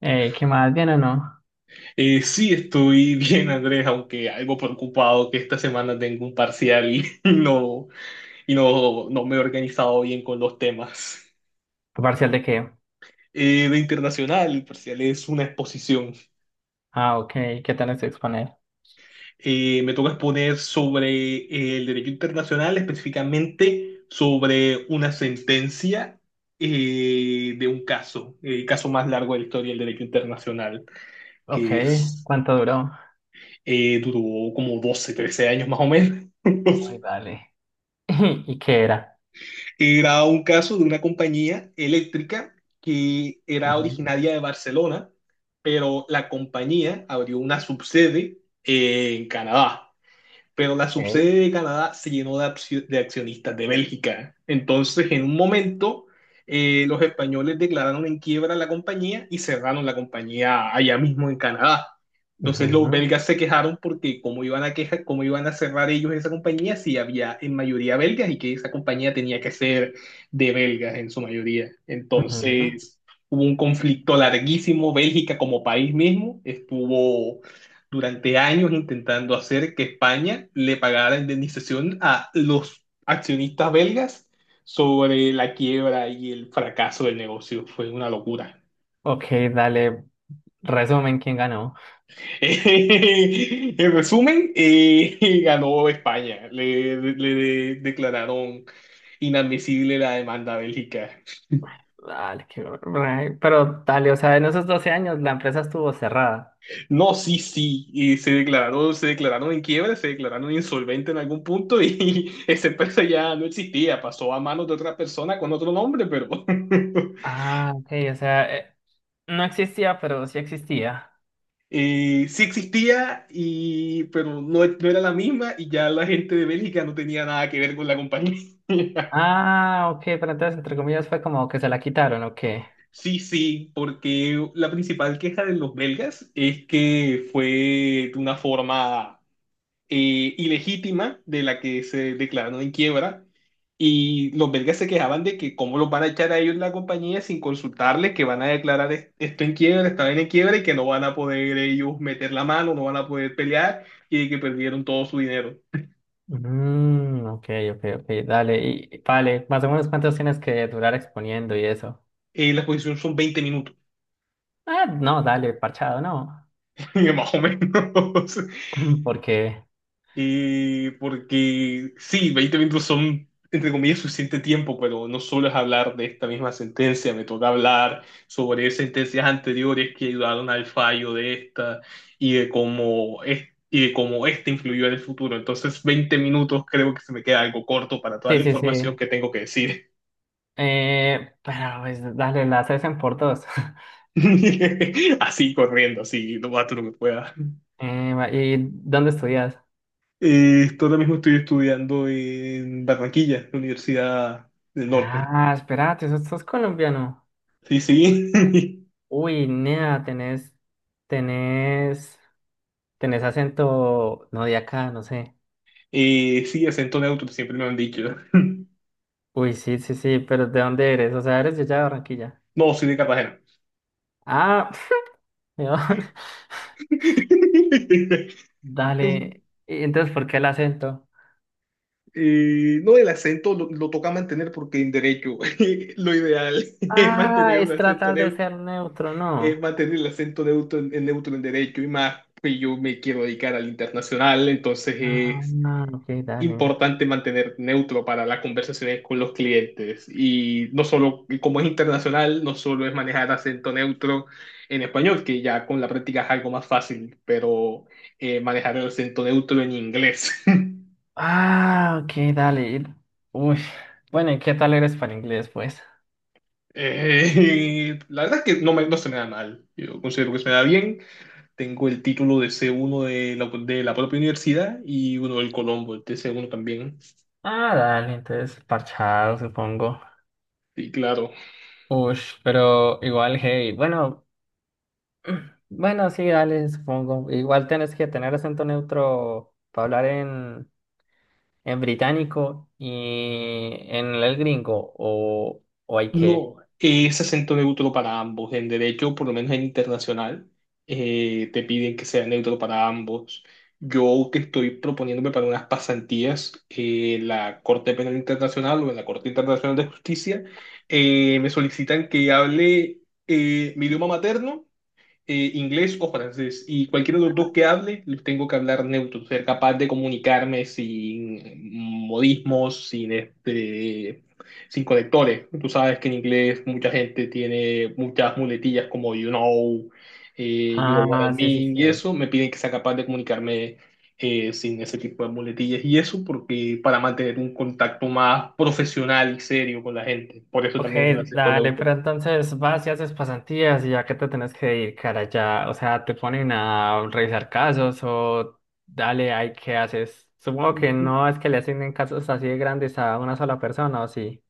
¿Qué más? ¿Bien o no? Sí, estoy bien, Andrés, aunque algo preocupado que esta semana tengo un parcial y y no me he organizado bien con los temas. ¿Tu ¿Parcial de qué? De internacional, el parcial es una exposición. Ah, ok. ¿Qué tenés que exponer? Me toca exponer sobre el derecho internacional, específicamente sobre una sentencia de un caso, el caso más largo de la historia del derecho internacional, Ok. que es, ¿Cuánto duró? Duró como 12, 13 años más o menos. Uy, dale. ¿Y qué era? Era un caso de una compañía eléctrica que era Ujú. originaria de Barcelona, pero la compañía abrió una subsede en Canadá, pero la Ok. subsede de Canadá se llenó de, de accionistas de Bélgica. Entonces, en un momento, los españoles declararon en quiebra la compañía y cerraron la compañía allá mismo en Canadá. Entonces, los Ujú, belgas se quejaron porque cómo iban a quejar, cómo iban a cerrar ellos esa compañía si había en mayoría belgas y que esa compañía tenía que ser de belgas en su mayoría. ujú. Entonces, hubo un conflicto larguísimo. Bélgica como país mismo estuvo durante años intentando hacer que España le pagara la indemnización a los accionistas belgas sobre la quiebra y el fracaso del negocio. Fue una locura. Ok, dale. Resumen, ¿quién ganó? En resumen, ganó España. Le declararon inadmisible la demanda a Bélgica. Dale, pero dale, o sea, en esos 12 años la empresa estuvo cerrada. No, sí, sí, y se declaró, se declararon en quiebra, se declararon insolvente en algún punto y esa empresa ya no existía, pasó a manos de otra persona con otro nombre, pero Ah, ok, o sea, no existía, pero sí existía. Sí existía, y, pero no, no era la misma y ya la gente de Bélgica no tenía nada que ver con la compañía. Ah, ok, pero entonces, entre comillas, fue como que se la quitaron, ok. Sí, sí, porque la principal queja de los belgas es que fue de una forma ilegítima de la que se declararon en quiebra. Y los belgas se quejaban de que cómo los van a echar a ellos la compañía sin consultarles, que van a declarar esto en quiebra, esta vaina en quiebra y que no van a poder ellos meter la mano, no van a poder pelear y de que perdieron todo su dinero. Mm, ok, ok, ok, dale, y vale, más o menos cuántos tienes que durar exponiendo y eso. La exposición son 20 minutos, Ah, no, dale, parchado, no, más o menos. porque Porque sí, 20 minutos son, entre comillas, suficiente tiempo, pero no solo es hablar de esta misma sentencia, me toca hablar sobre sentencias anteriores que ayudaron al fallo de esta y de cómo, es, y de cómo esta influyó en el futuro. Entonces, 20 minutos creo que se me queda algo corto para toda sí, la sí, información sí, que tengo que decir. Pero pues dale, las hacen por dos. Así corriendo, así lo más lo que pueda. ¿Y dónde estudias? Esto ahora mismo estoy estudiando en Barranquilla, la Universidad del Norte. Ah, espérate, ¿sos colombiano? Sí, sí. Uy, nea, tenés, tenés acento, no de acá, no sé. Sí, acento neutro, siempre me han dicho. Uy, sí, sí, sí, pero ¿de dónde eres? O sea, eres de allá de Barranquilla. No, soy de Cartagena. Ah, ¿de dónde? Dale. ¿Y entonces por qué el acento? No, el acento lo toca mantener porque en derecho lo ideal es Ah, mantener un es acento tratar de neutro, ser neutro, es ¿no? mantener el acento neutro en neutro en derecho y más, pues yo me quiero dedicar al internacional, entonces Ah, es no, ok, dale. importante mantener neutro para las conversaciones con los clientes. Y no solo, y como es internacional, no solo es manejar acento neutro en español, que ya con la práctica es algo más fácil, pero manejar el acento neutro en inglés. Ah, ok, dale. Uy, bueno, ¿y qué tal eres para inglés, pues? La verdad es que no, me, no se me da mal. Yo considero que se me da bien. Tengo el título de C1 de de la propia universidad y uno del Colombo, el de C1 también. Ah, dale, entonces parchado, supongo. Sí, claro. Uy, pero igual, hey, bueno, bueno, sí, dale, supongo. Igual tienes que tener acento neutro para hablar en británico y en el gringo, o hay que. No, es acento neutro para ambos. En derecho, por lo menos en internacional, te piden que sea neutro para ambos. Yo que estoy proponiéndome para unas pasantías en la Corte Penal Internacional o en la Corte Internacional de Justicia, me solicitan que hable mi idioma materno inglés o francés. Y cualquier de los dos que hable, los tengo que hablar neutro, ser capaz de comunicarme sin modismos, sin este, sin conectores. Tú sabes que en inglés mucha gente tiene muchas muletillas como you know what I Ah, sí, sí, mean, sí. y eso me piden que sea capaz de comunicarme sin ese tipo de muletillas y eso porque para mantener un contacto más profesional y serio con la gente, por eso Ok, también el acento dale, neutro. pero entonces vas y haces pasantías y ya que te tenés que dedicar allá, o sea, te ponen a revisar casos o dale, ahí qué haces. Supongo que no es que le asignen casos así de grandes a una sola persona, ¿o sí?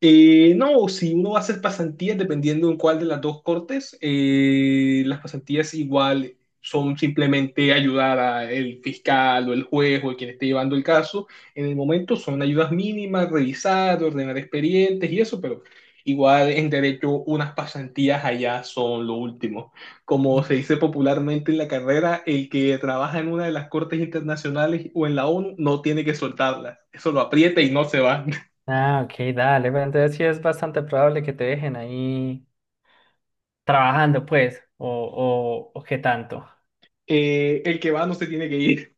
No, si uno va a hacer pasantías, dependiendo en cuál de las dos cortes, las pasantías igual son simplemente ayudar al fiscal o el juez o el quien esté llevando el caso. En el momento son ayudas mínimas, revisar, ordenar expedientes y eso, pero igual en derecho unas pasantías allá son lo último. Como se Mm. dice popularmente en la carrera, el que trabaja en una de las cortes internacionales o en la ONU no tiene que soltarlas. Eso lo aprieta y no se va. Ah, ok, dale, pero entonces sí es bastante probable que te dejen ahí trabajando, pues, o qué tanto. El que va no se tiene que ir.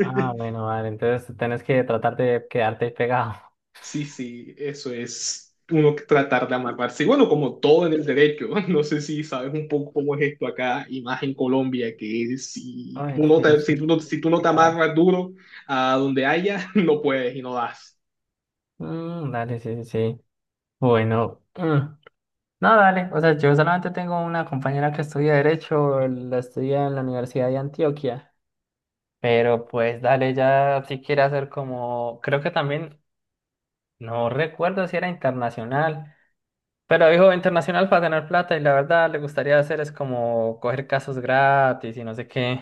Ah, bueno, vale, entonces tenés que tratar de quedarte ahí pegado. Sí, sí, eso es uno que tratar de amarrarse. Y bueno, como todo en el derecho, no sé si sabes un poco cómo es esto acá y más en Colombia, que Ay, sí, sí, sí, si tú no te complicado. amarras duro a donde haya, no puedes y no das. Mm, dale, sí, sí, sí. Bueno, no, no, dale. O sea, yo solamente tengo una compañera que estudia Derecho, la estudia en la Universidad de Antioquia. Pero pues dale, ya si quiere hacer como, creo que también, no recuerdo si era internacional, pero dijo internacional para ganar plata y la verdad le gustaría hacer es como coger casos gratis y no sé qué,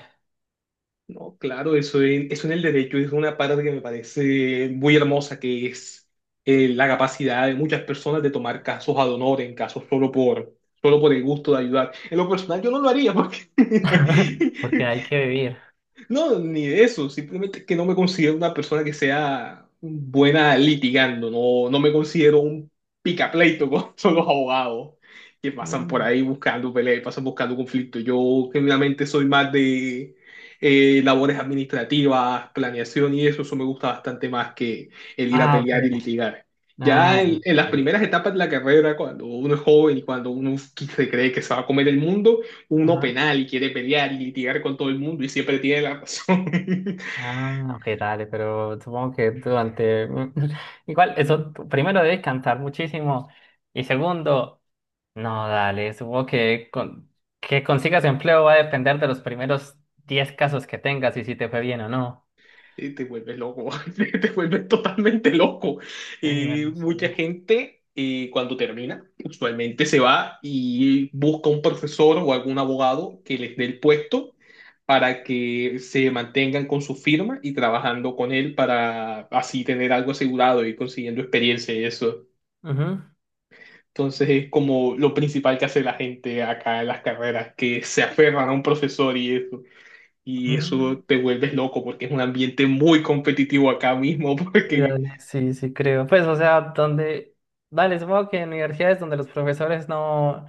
No, claro, eso en, eso en el derecho es una parte que me parece muy hermosa, que es la capacidad de muchas personas de tomar casos ad honorem, casos solo por el gusto de ayudar. En lo personal yo no lo haría porque porque hay que vivir. no, ni de eso, simplemente que no me considero una persona que sea buena litigando, no, no me considero un picapleito con son los abogados que pasan por Mm. ahí buscando peleas, pasan buscando conflictos. Yo genuinamente soy más de labores administrativas, planeación y eso me gusta bastante más que el ir a Ah, ok. pelear y litigar. Ah, En las primeras etapas de la carrera, cuando uno es joven y cuando uno se cree que se va a comer el mundo, uno ok. penal y quiere pelear y litigar con todo el mundo y siempre tiene la razón, Ah, ok, dale, pero supongo que durante... Igual, eso, tú primero debes cantar muchísimo y segundo, no, dale, supongo que que consigas empleo va a depender de los primeros 10 casos que tengas y si te fue bien o no. Te vuelves loco, te vuelves totalmente loco. Uy, Eh, dale, sí. mucha gente cuando termina, usualmente se va y busca un profesor o algún abogado que les dé el puesto para que se mantengan con su firma y trabajando con él para así tener algo asegurado y consiguiendo experiencia y eso. Ujú, Entonces es como lo principal que hace la gente acá en las carreras, que se aferran a un profesor y eso. Y ujú. eso te vuelves loco porque es un ambiente muy competitivo acá mismo, Uy, porque dale, sí, sí creo. Pues, o sea, donde... Dale, supongo que en universidades donde los profesores no...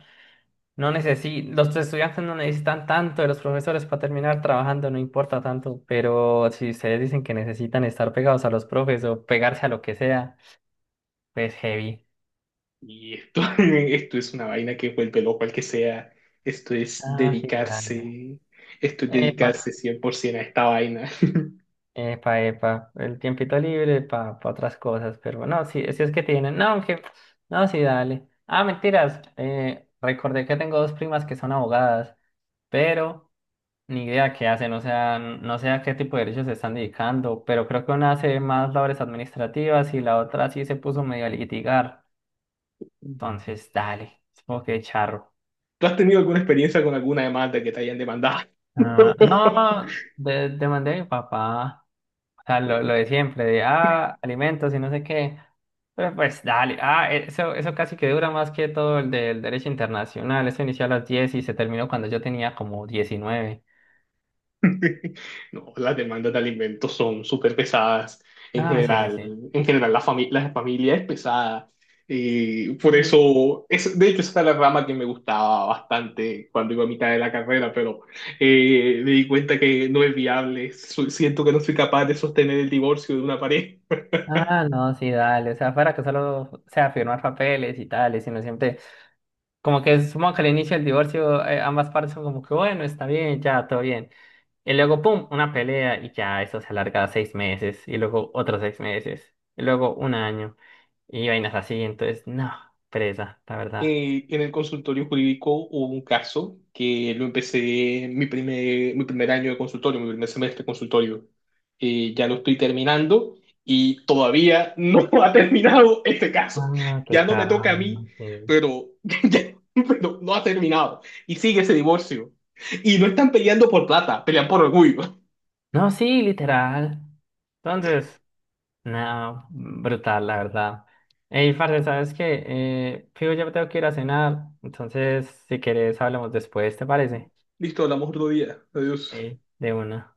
No necesi Los estudiantes no necesitan tanto de los profesores para terminar trabajando, no importa tanto, pero si ustedes dicen que necesitan estar pegados a los profes o pegarse a lo que sea, pues heavy. y esto, esto es una vaina que vuelve loco al que sea. Esto es Ah, sí, dale. dedicarse, esto es dedicarse Epa, 100% a esta vaina. epa, epa, el tiempito libre para otras cosas, pero no, sí, si es que tienen, no, aunque, no, sí, dale. Ah, mentiras, recordé que tengo dos primas que son abogadas, pero... Ni idea qué hacen, o sea, no sé a qué tipo de derechos se están dedicando, pero creo que una hace más labores administrativas y la otra sí se puso medio a litigar. Entonces, dale, supongo que charro. ¿Tú has tenido alguna experiencia con alguna demanda que te hayan demandado? Ah, no, demandé a mi papá, o sea, lo de siempre, de alimentos y no sé qué. Pero pues dale, eso casi que dura más que todo el del derecho internacional. Eso inició a las 10 y se terminó cuando yo tenía como 19. No, las demandas de alimentos son súper pesadas. En Ah, sí, sí, general, sí. en general la la familia es pesada. Y por Mm. eso, es, de hecho, esa era la rama que me gustaba bastante cuando iba a mitad de la carrera, pero me di cuenta que no es viable. Siento que no soy capaz de sostener el divorcio de una pareja. Ah, no, sí, dale. O sea, fuera que solo o sea firmar papeles y tales, sino siempre. Como que supongo que al inicio del divorcio, ambas partes son como que, bueno, está bien, ya, todo bien. Y luego, pum, una pelea y ya eso se alarga a 6 meses. Y luego otros 6 meses. Y luego un año. Y vainas así. Entonces, no, presa, la verdad. En el consultorio jurídico hubo un caso que lo empecé mi primer año de consultorio, mi primer semestre de consultorio. Ya lo estoy terminando y todavía no ha terminado este caso. Ah, qué Ya no me caja. toca a mí, pero, pero no ha terminado. Y sigue ese divorcio. Y no están peleando por plata, pelean por orgullo. No, sí, literal. Entonces. Nada, brutal, la verdad. Ey, parce, ¿sabes qué? Fijo, ya me tengo que ir a cenar, entonces si quieres hablamos después, ¿te parece? Listo, hablamos otro día. Adiós. Ey, de una.